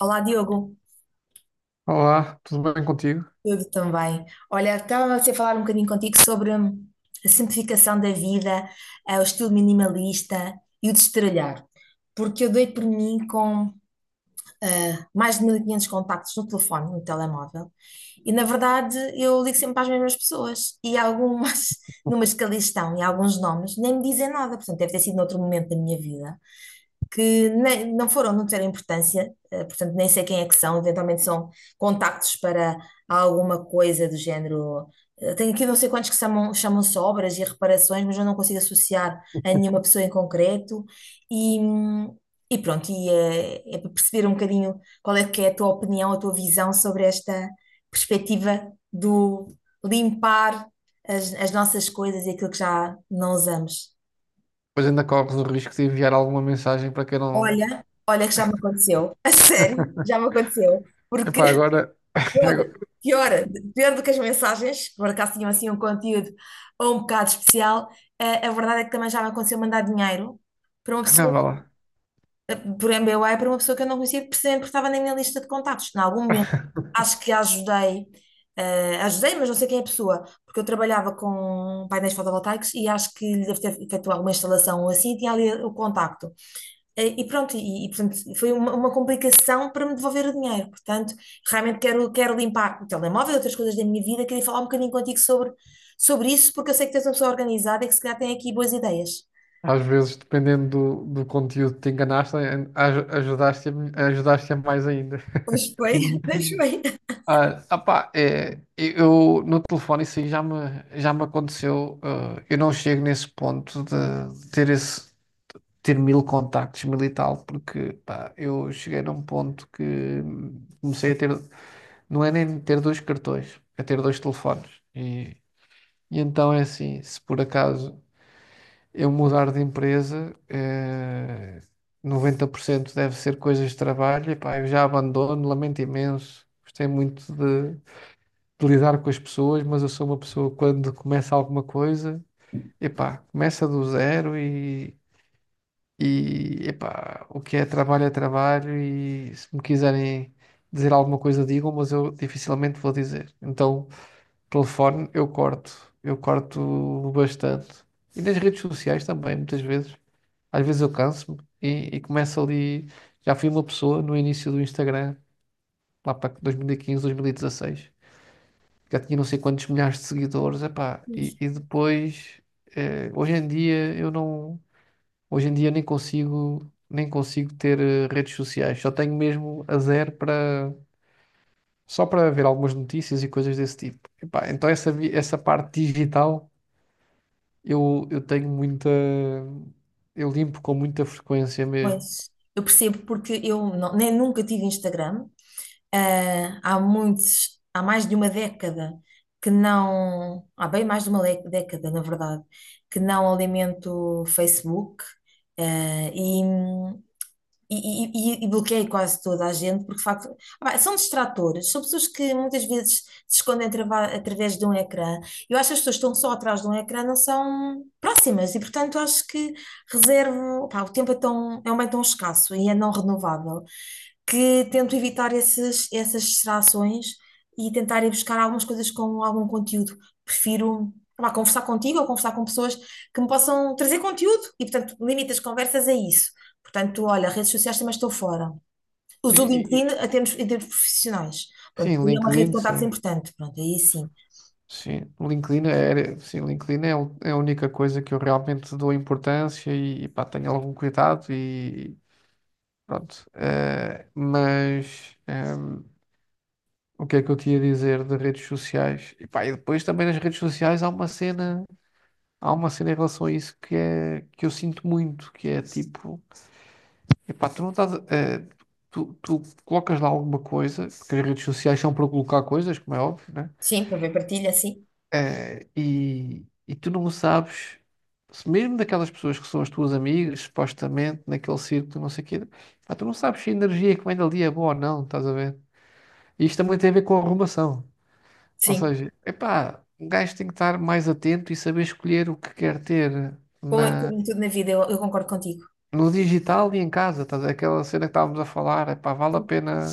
Olá, Diogo. Olá, tudo bem contigo? Tudo também. Olha, estava a falar um bocadinho contigo sobre a simplificação da vida, o estilo minimalista e o destralhar. Porque eu dei por mim com mais de 1500 contactos no telefone, no telemóvel, e na verdade eu ligo sempre para as mesmas pessoas e algumas, numas que ali estão e alguns nomes, nem me dizem nada. Portanto, deve ter sido noutro momento da minha vida. Que nem- Não foram, não tiveram importância, portanto nem sei quem é que são, eventualmente são contactos para alguma coisa do género. Tenho aqui não sei quantos que chamam, chamam-se obras e reparações, mas eu não consigo associar a nenhuma pessoa em concreto. E, hum, e para perceber um bocadinho qual é que é a tua opinião, a tua visão sobre esta perspectiva do limpar as nossas coisas e aquilo que já não usamos. Pois ainda corres o risco de enviar alguma mensagem para quem não. Olha, olha que já me aconteceu. A sério, já me aconteceu. Porque Epá, agora. pior, agora- pior, pior do que as mensagens, que por acaso tinham assim um conteúdo ou um bocado especial, verdade é que também já me aconteceu mandar dinheiro para uma Não, pessoa, vá lá. eh, por MBWay, para uma pessoa que eu não conhecia, precisamente porque estava na minha lista de contactos. Em algum momento, acho que ajudei, ajudei, mas não sei quem é a pessoa, porque eu trabalhava com painéis fotovoltaicos e acho que lhe deve ter feito alguma instalação ou assim, e tinha ali o contacto. E pronto, portanto, foi uma complicação para me devolver o dinheiro. Portanto, realmente quero, quero limpar o telemóvel e outras coisas da minha vida. Queria falar um bocadinho contigo sobre, sobre isso, porque eu sei que tens és uma pessoa organizada e que se calhar tem aqui boas ideias. Às vezes, dependendo do conteúdo que te enganaste, ajudaste, ajudaste mais ainda. Pois bem, deixa bem. Ah, opá, é, eu no telefone isso já me aconteceu. Eu não chego nesse ponto de ter ter mil contactos, mil e tal, porque pá, eu cheguei num ponto que comecei a ter. Não é nem ter dois cartões, é ter dois telefones. E então é assim, se por acaso eu mudar de empresa, 90% deve ser coisas de trabalho, e pá, eu já abandono, lamento imenso. Gostei muito de lidar com as pessoas, mas eu sou uma pessoa que quando começa alguma coisa, epá, começa do zero e epá, o que é trabalho e se me quiserem dizer alguma coisa digam, mas eu dificilmente vou dizer. Então telefone eu corto, eu corto bastante. E nas redes sociais também, muitas vezes. Às vezes eu canso-me e começo ali. Já fui uma pessoa no início do Instagram, lá para 2015, 2016, já tinha não sei quantos milhares de seguidores, epá, e depois, eh, hoje em dia eu não, hoje em dia nem nem consigo ter redes sociais, só tenho mesmo a zero, só para ver algumas notícias e coisas desse tipo. Epá, então essa parte digital eu tenho muita. Eu limpo com muita frequência mesmo. Pois, eu percebo porque eu não- nem nunca tive Instagram. Há muitos, há mais de uma década que não, há bem mais de uma década, na verdade, que não alimento Facebook. Ah, e, e bloqueei quase toda a gente, porque de facto, pá, são distratores, são pessoas que muitas vezes se escondem através de um ecrã. Eu acho que as pessoas que estão só atrás de um ecrã não são próximas, e portanto acho que reservo, pá, o tempo é tão, é um bem tão escasso e é não renovável, que tento evitar essas distrações e tentar ir buscar algumas coisas com algum conteúdo. Prefiro, pá, conversar contigo ou conversar com pessoas que me possam trazer conteúdo, e portanto limito as conversas a isso. Portanto, olha, redes sociais também estou fora. E- Uso o e- e- LinkedIn em termos profissionais. Pronto, sim, porque é uma rede de LinkedIn, contactos sim. importante. Pronto, aí sim. Sim, LinkedIn é, é a única coisa que eu realmente dou importância e, pá, tenho algum cuidado e pronto. O que é que eu tinha a dizer de redes sociais? E, pá, e depois também nas redes sociais há uma cena em relação a isso que é que eu sinto muito, que é tipo. Epá, tu não estás. Tu colocas lá alguma coisa, porque as redes sociais são para colocar coisas, como é óbvio, né? Sim, para ver partilha, sim. E tu não sabes, se mesmo daquelas pessoas que são as tuas amigas, supostamente, naquele círculo, não sei o quê, pá, tu não sabes se a energia que vem dali é boa ou não, estás a ver? E isto também tem a ver com a arrumação. Ou Sim. seja, epá, um gajo tem que estar mais atento e saber escolher o que quer ter Como, é na, como tudo na vida, eu concordo contigo. no digital e em casa, estás a ver? Aquela cena que estávamos a falar, epá, vale a pena.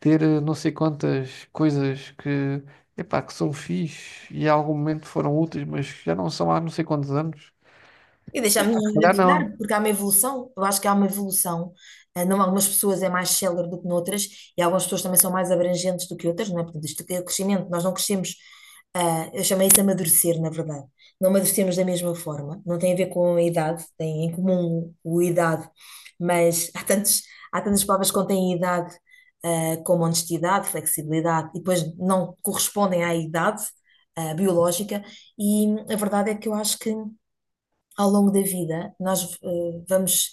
Ter não sei quantas coisas que, epá, que são fixe e em algum momento foram úteis, mas já não são há não sei quantos anos. E deixar-me Epá, se calhar não. identificar, porque há uma evolução. Eu acho que há uma evolução. Não, algumas pessoas é mais célere do que noutras, e algumas pessoas também são mais abrangentes do que outras, não é? Portanto, isto é o crescimento. Nós não crescemos, eu chamei isso amadurecer, na verdade. Não amadurecemos da mesma forma. Não tem a ver com a idade, tem em comum o idade, mas há tantas palavras que contêm idade, como honestidade, flexibilidade, e depois não correspondem à idade, biológica, e a verdade é que eu acho que ao longo da vida, nós vamos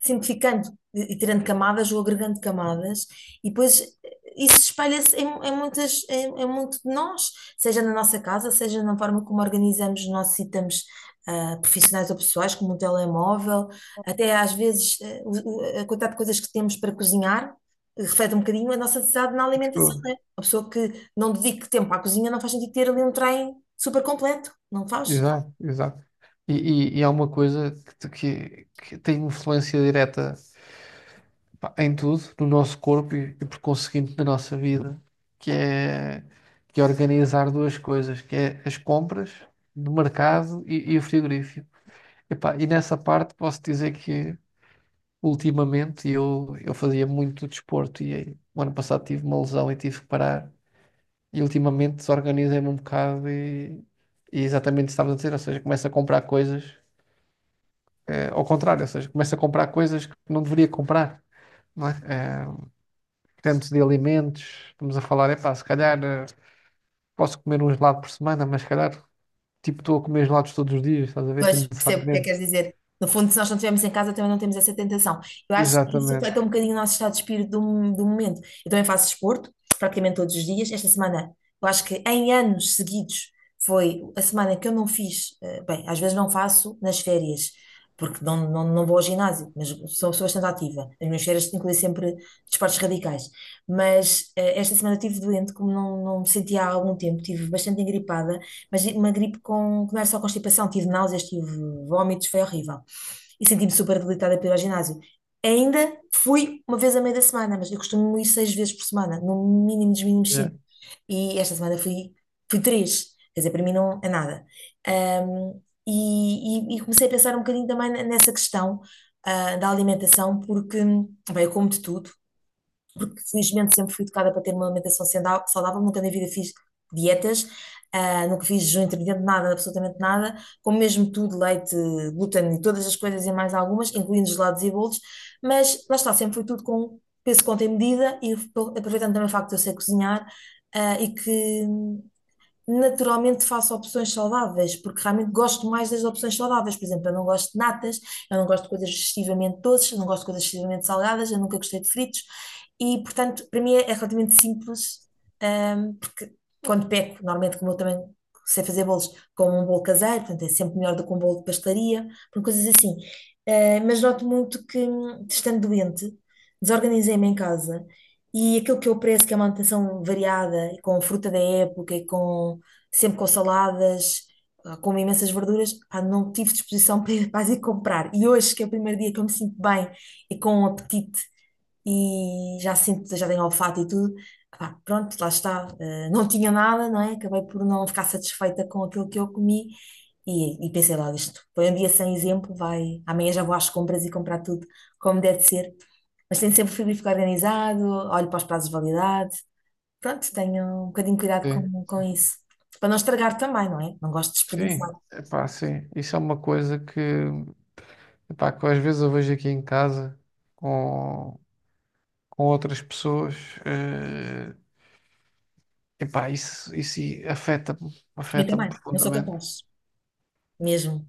simplificando e tirando camadas ou agregando camadas, e depois isso espalha-se em muito de nós, seja na nossa casa, seja na forma como organizamos os nossos itens. Profissionais ou pessoais, como um telemóvel, até às vezes a quantidade de coisas que temos para cozinhar reflete um bocadinho a nossa necessidade na alimentação, Tipo, né? A pessoa que não dedique tempo à cozinha não faz sentido ter ali um trem super completo, não faz? exato, exato. E, e é uma coisa que, que tem influência direta, pá, em tudo, no nosso corpo e por conseguinte na nossa vida, que é, que é organizar duas coisas, que é as compras do mercado e o frigorífico. Epá, e nessa parte posso dizer que ultimamente eu fazia muito desporto e o ano passado tive uma lesão e tive que parar. E ultimamente desorganizei-me um bocado, e exatamente isso que estavas a dizer, ou seja, começo a comprar coisas ao contrário, ou seja, começo a comprar coisas que não deveria comprar, não é? Tanto de alimentos, estamos a falar, epá, se calhar posso comer um gelado por semana, mas se calhar tipo estou a comer gelados todos os dias, estás a ver, Pois, percebo o que é que desnecessariamente. queres dizer. No fundo, se nós não estivermos em casa, também não temos essa tentação. Eu acho que isso Exatamente. reflete um bocadinho o nosso estado de espírito do momento. Eu também faço desporto, praticamente todos os dias. Esta semana, eu acho que em anos seguidos, foi a semana que eu não fiz. Bem, às vezes não faço nas férias, porque não vou ao ginásio, mas sou bastante ativa. As minhas férias incluem sempre desportos radicais. Mas esta semana eu estive doente, como não me sentia há algum tempo, estive bastante engripada mas uma gripe com, que não era só constipação, tive náuseas, tive vómitos, foi horrível. E senti-me super debilitada para ir ao ginásio. Ainda fui uma vez a meio da semana, mas eu costumo ir seis vezes por semana, no mínimo dos mínimos Yeah. cinco. E esta semana fui, fui três, quer dizer, para mim não é nada. Ahm, e comecei a pensar um bocadinho também nessa questão, da alimentação, porque, bem, eu como de tudo, porque felizmente sempre fui educada para ter uma alimentação saudável, nunca na vida fiz dietas, nunca fiz jejum intermitente, nada, absolutamente nada, como mesmo tudo, leite, glúten e todas as coisas e mais algumas, incluindo gelados e bolos, mas lá está, sempre foi tudo com peso, conta e medida, e aproveitando também o facto de eu sei cozinhar, e que naturalmente faço opções saudáveis, porque realmente gosto mais das opções saudáveis. Por exemplo, eu não gosto de natas, eu não gosto de coisas excessivamente doces, eu não gosto de coisas excessivamente salgadas, eu nunca gostei de fritos. E, portanto, para mim é é relativamente simples, porque quando peco, normalmente, como eu também sei fazer bolos, como um bolo caseiro, portanto, é sempre melhor do que um bolo de pastelaria, portanto, coisas assim. Mas noto muito que, estando doente, desorganizei-me em casa. E aquilo que eu prezo, que é uma alimentação variada, e com fruta da época, e com sempre com saladas, como imensas verduras, pá, não tive disposição para ir comprar. E hoje, que é o primeiro dia que eu me sinto bem e com um apetite e já sinto, já tenho olfato e tudo, pá, pronto, lá está. Não tinha nada, não é? Acabei por não ficar satisfeita com aquilo que eu comi e pensei lá, isto foi um dia sem exemplo, vai, amanhã já vou às compras e comprar tudo como deve de ser. Mas tenho sempre o frigorífico organizado, olho para os prazos de validade. Pronto, tenho um bocadinho cuidado Sim, com isso. Para não estragar também, não é? Não gosto de sim, desperdiçar. epá, sim. Isso é uma coisa que epá, que às vezes eu vejo aqui em casa com, com outras pessoas, eh, epá, isso afeta-me, Eu afeta-me também, não sou profundamente, capaz. Mesmo.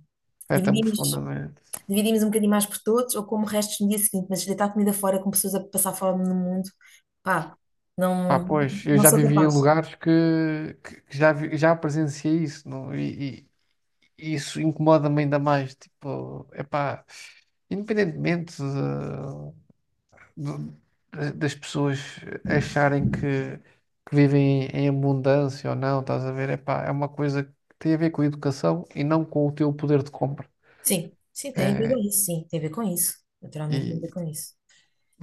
afeta-me Dividimos, profundamente. dividimos um bocadinho mais por todos ou como restos no dia seguinte, mas deitar comida fora com pessoas a passar fome no mundo, pá, Pá, não, pois, eu não já sou vivi em capaz. lugares que já presenciei isso, não? E isso incomoda-me ainda mais, tipo, epá, independentemente do- das pessoas acharem que vivem em abundância ou não, estás a ver? Epá, é uma coisa que tem a ver com a educação e não com o teu poder de compra. Sim, sim, tem a ver com É, isso, sim, tem a ver com isso. Naturalmente tem a ver e, com isso.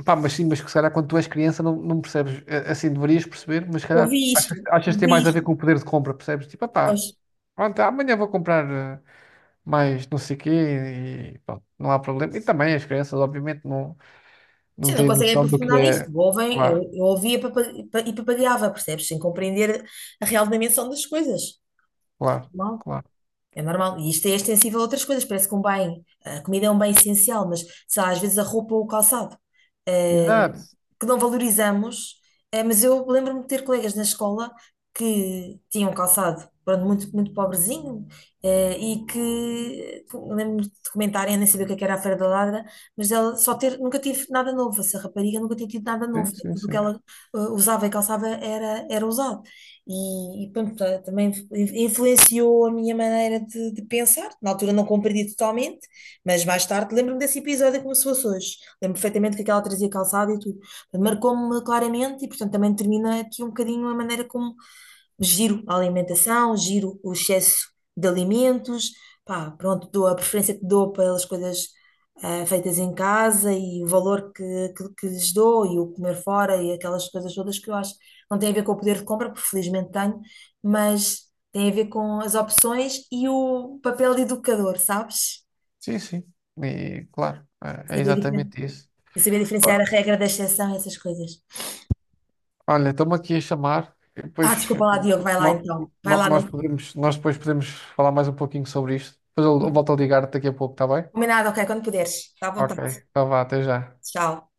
pá, mas sim, mas que se calhar quando tu és criança não percebes. É, assim deverias perceber, mas se Ouvi calhar isto, achas que tem ouvi mais a ver isto, com o poder de compra, percebes? Tipo, pá, pois. pronto, amanhã vou comprar mais não sei quê e pronto, não há problema. E também as crianças, obviamente, não Sim, não têm conseguem noção do que aprofundar isto. é. Ouvem, Claro, eu ouvia e papagaiava, percebes? Sem compreender a real dimensão das coisas. claro, Normal. claro. É normal. E isto é extensível a outras coisas. Parece que um bem, a comida é um bem essencial, mas sei lá, às vezes a roupa ou o calçado, eh, Exato. que não valorizamos. Mas eu lembro-me de ter colegas na escola que tinham calçado, pronto, muito, muito pobrezinho, e que lembro-me de comentarem, eu nem sabia o que é que era a Feira da Ladra, mas ela só ter, nunca tive nada novo. Essa rapariga nunca tinha tido nada novo. Sim, sim, Tudo o que sim. ela usava e calçava era, era usado. E pronto, também influenciou a minha maneira de pensar. Na altura não compreendi totalmente, mas mais tarde lembro-me desse episódio como se fosse hoje. Lembro perfeitamente que aquela trazia calçado e tudo. Marcou-me claramente e, portanto, também termina aqui um bocadinho a maneira como giro a alimentação, giro o excesso de alimentos. Pá, pronto, dou a preferência que dou pelas coisas feitas em casa e o valor que lhes dou e o comer fora e aquelas coisas todas que eu acho não tem a ver com o poder de compra, porque felizmente tenho, mas tem a ver com as opções e o papel de educador, sabes? Sim, sim. E claro, é é Saber, difer- exatamente isso. e saber diferenciar Ó, a regra da exceção e essas coisas. olha, estão-me aqui a chamar. E Ah, depois desculpa lá, Diogo, vai lá no- então. Vai no- lá, nós não... podemos, nós depois podemos falar mais um pouquinho sobre isto. Depois eu volto a ligar daqui a pouco, está bem? Combinado, ok, quando puderes. Está à Ok. vontade. Então vá, até já. Tchau.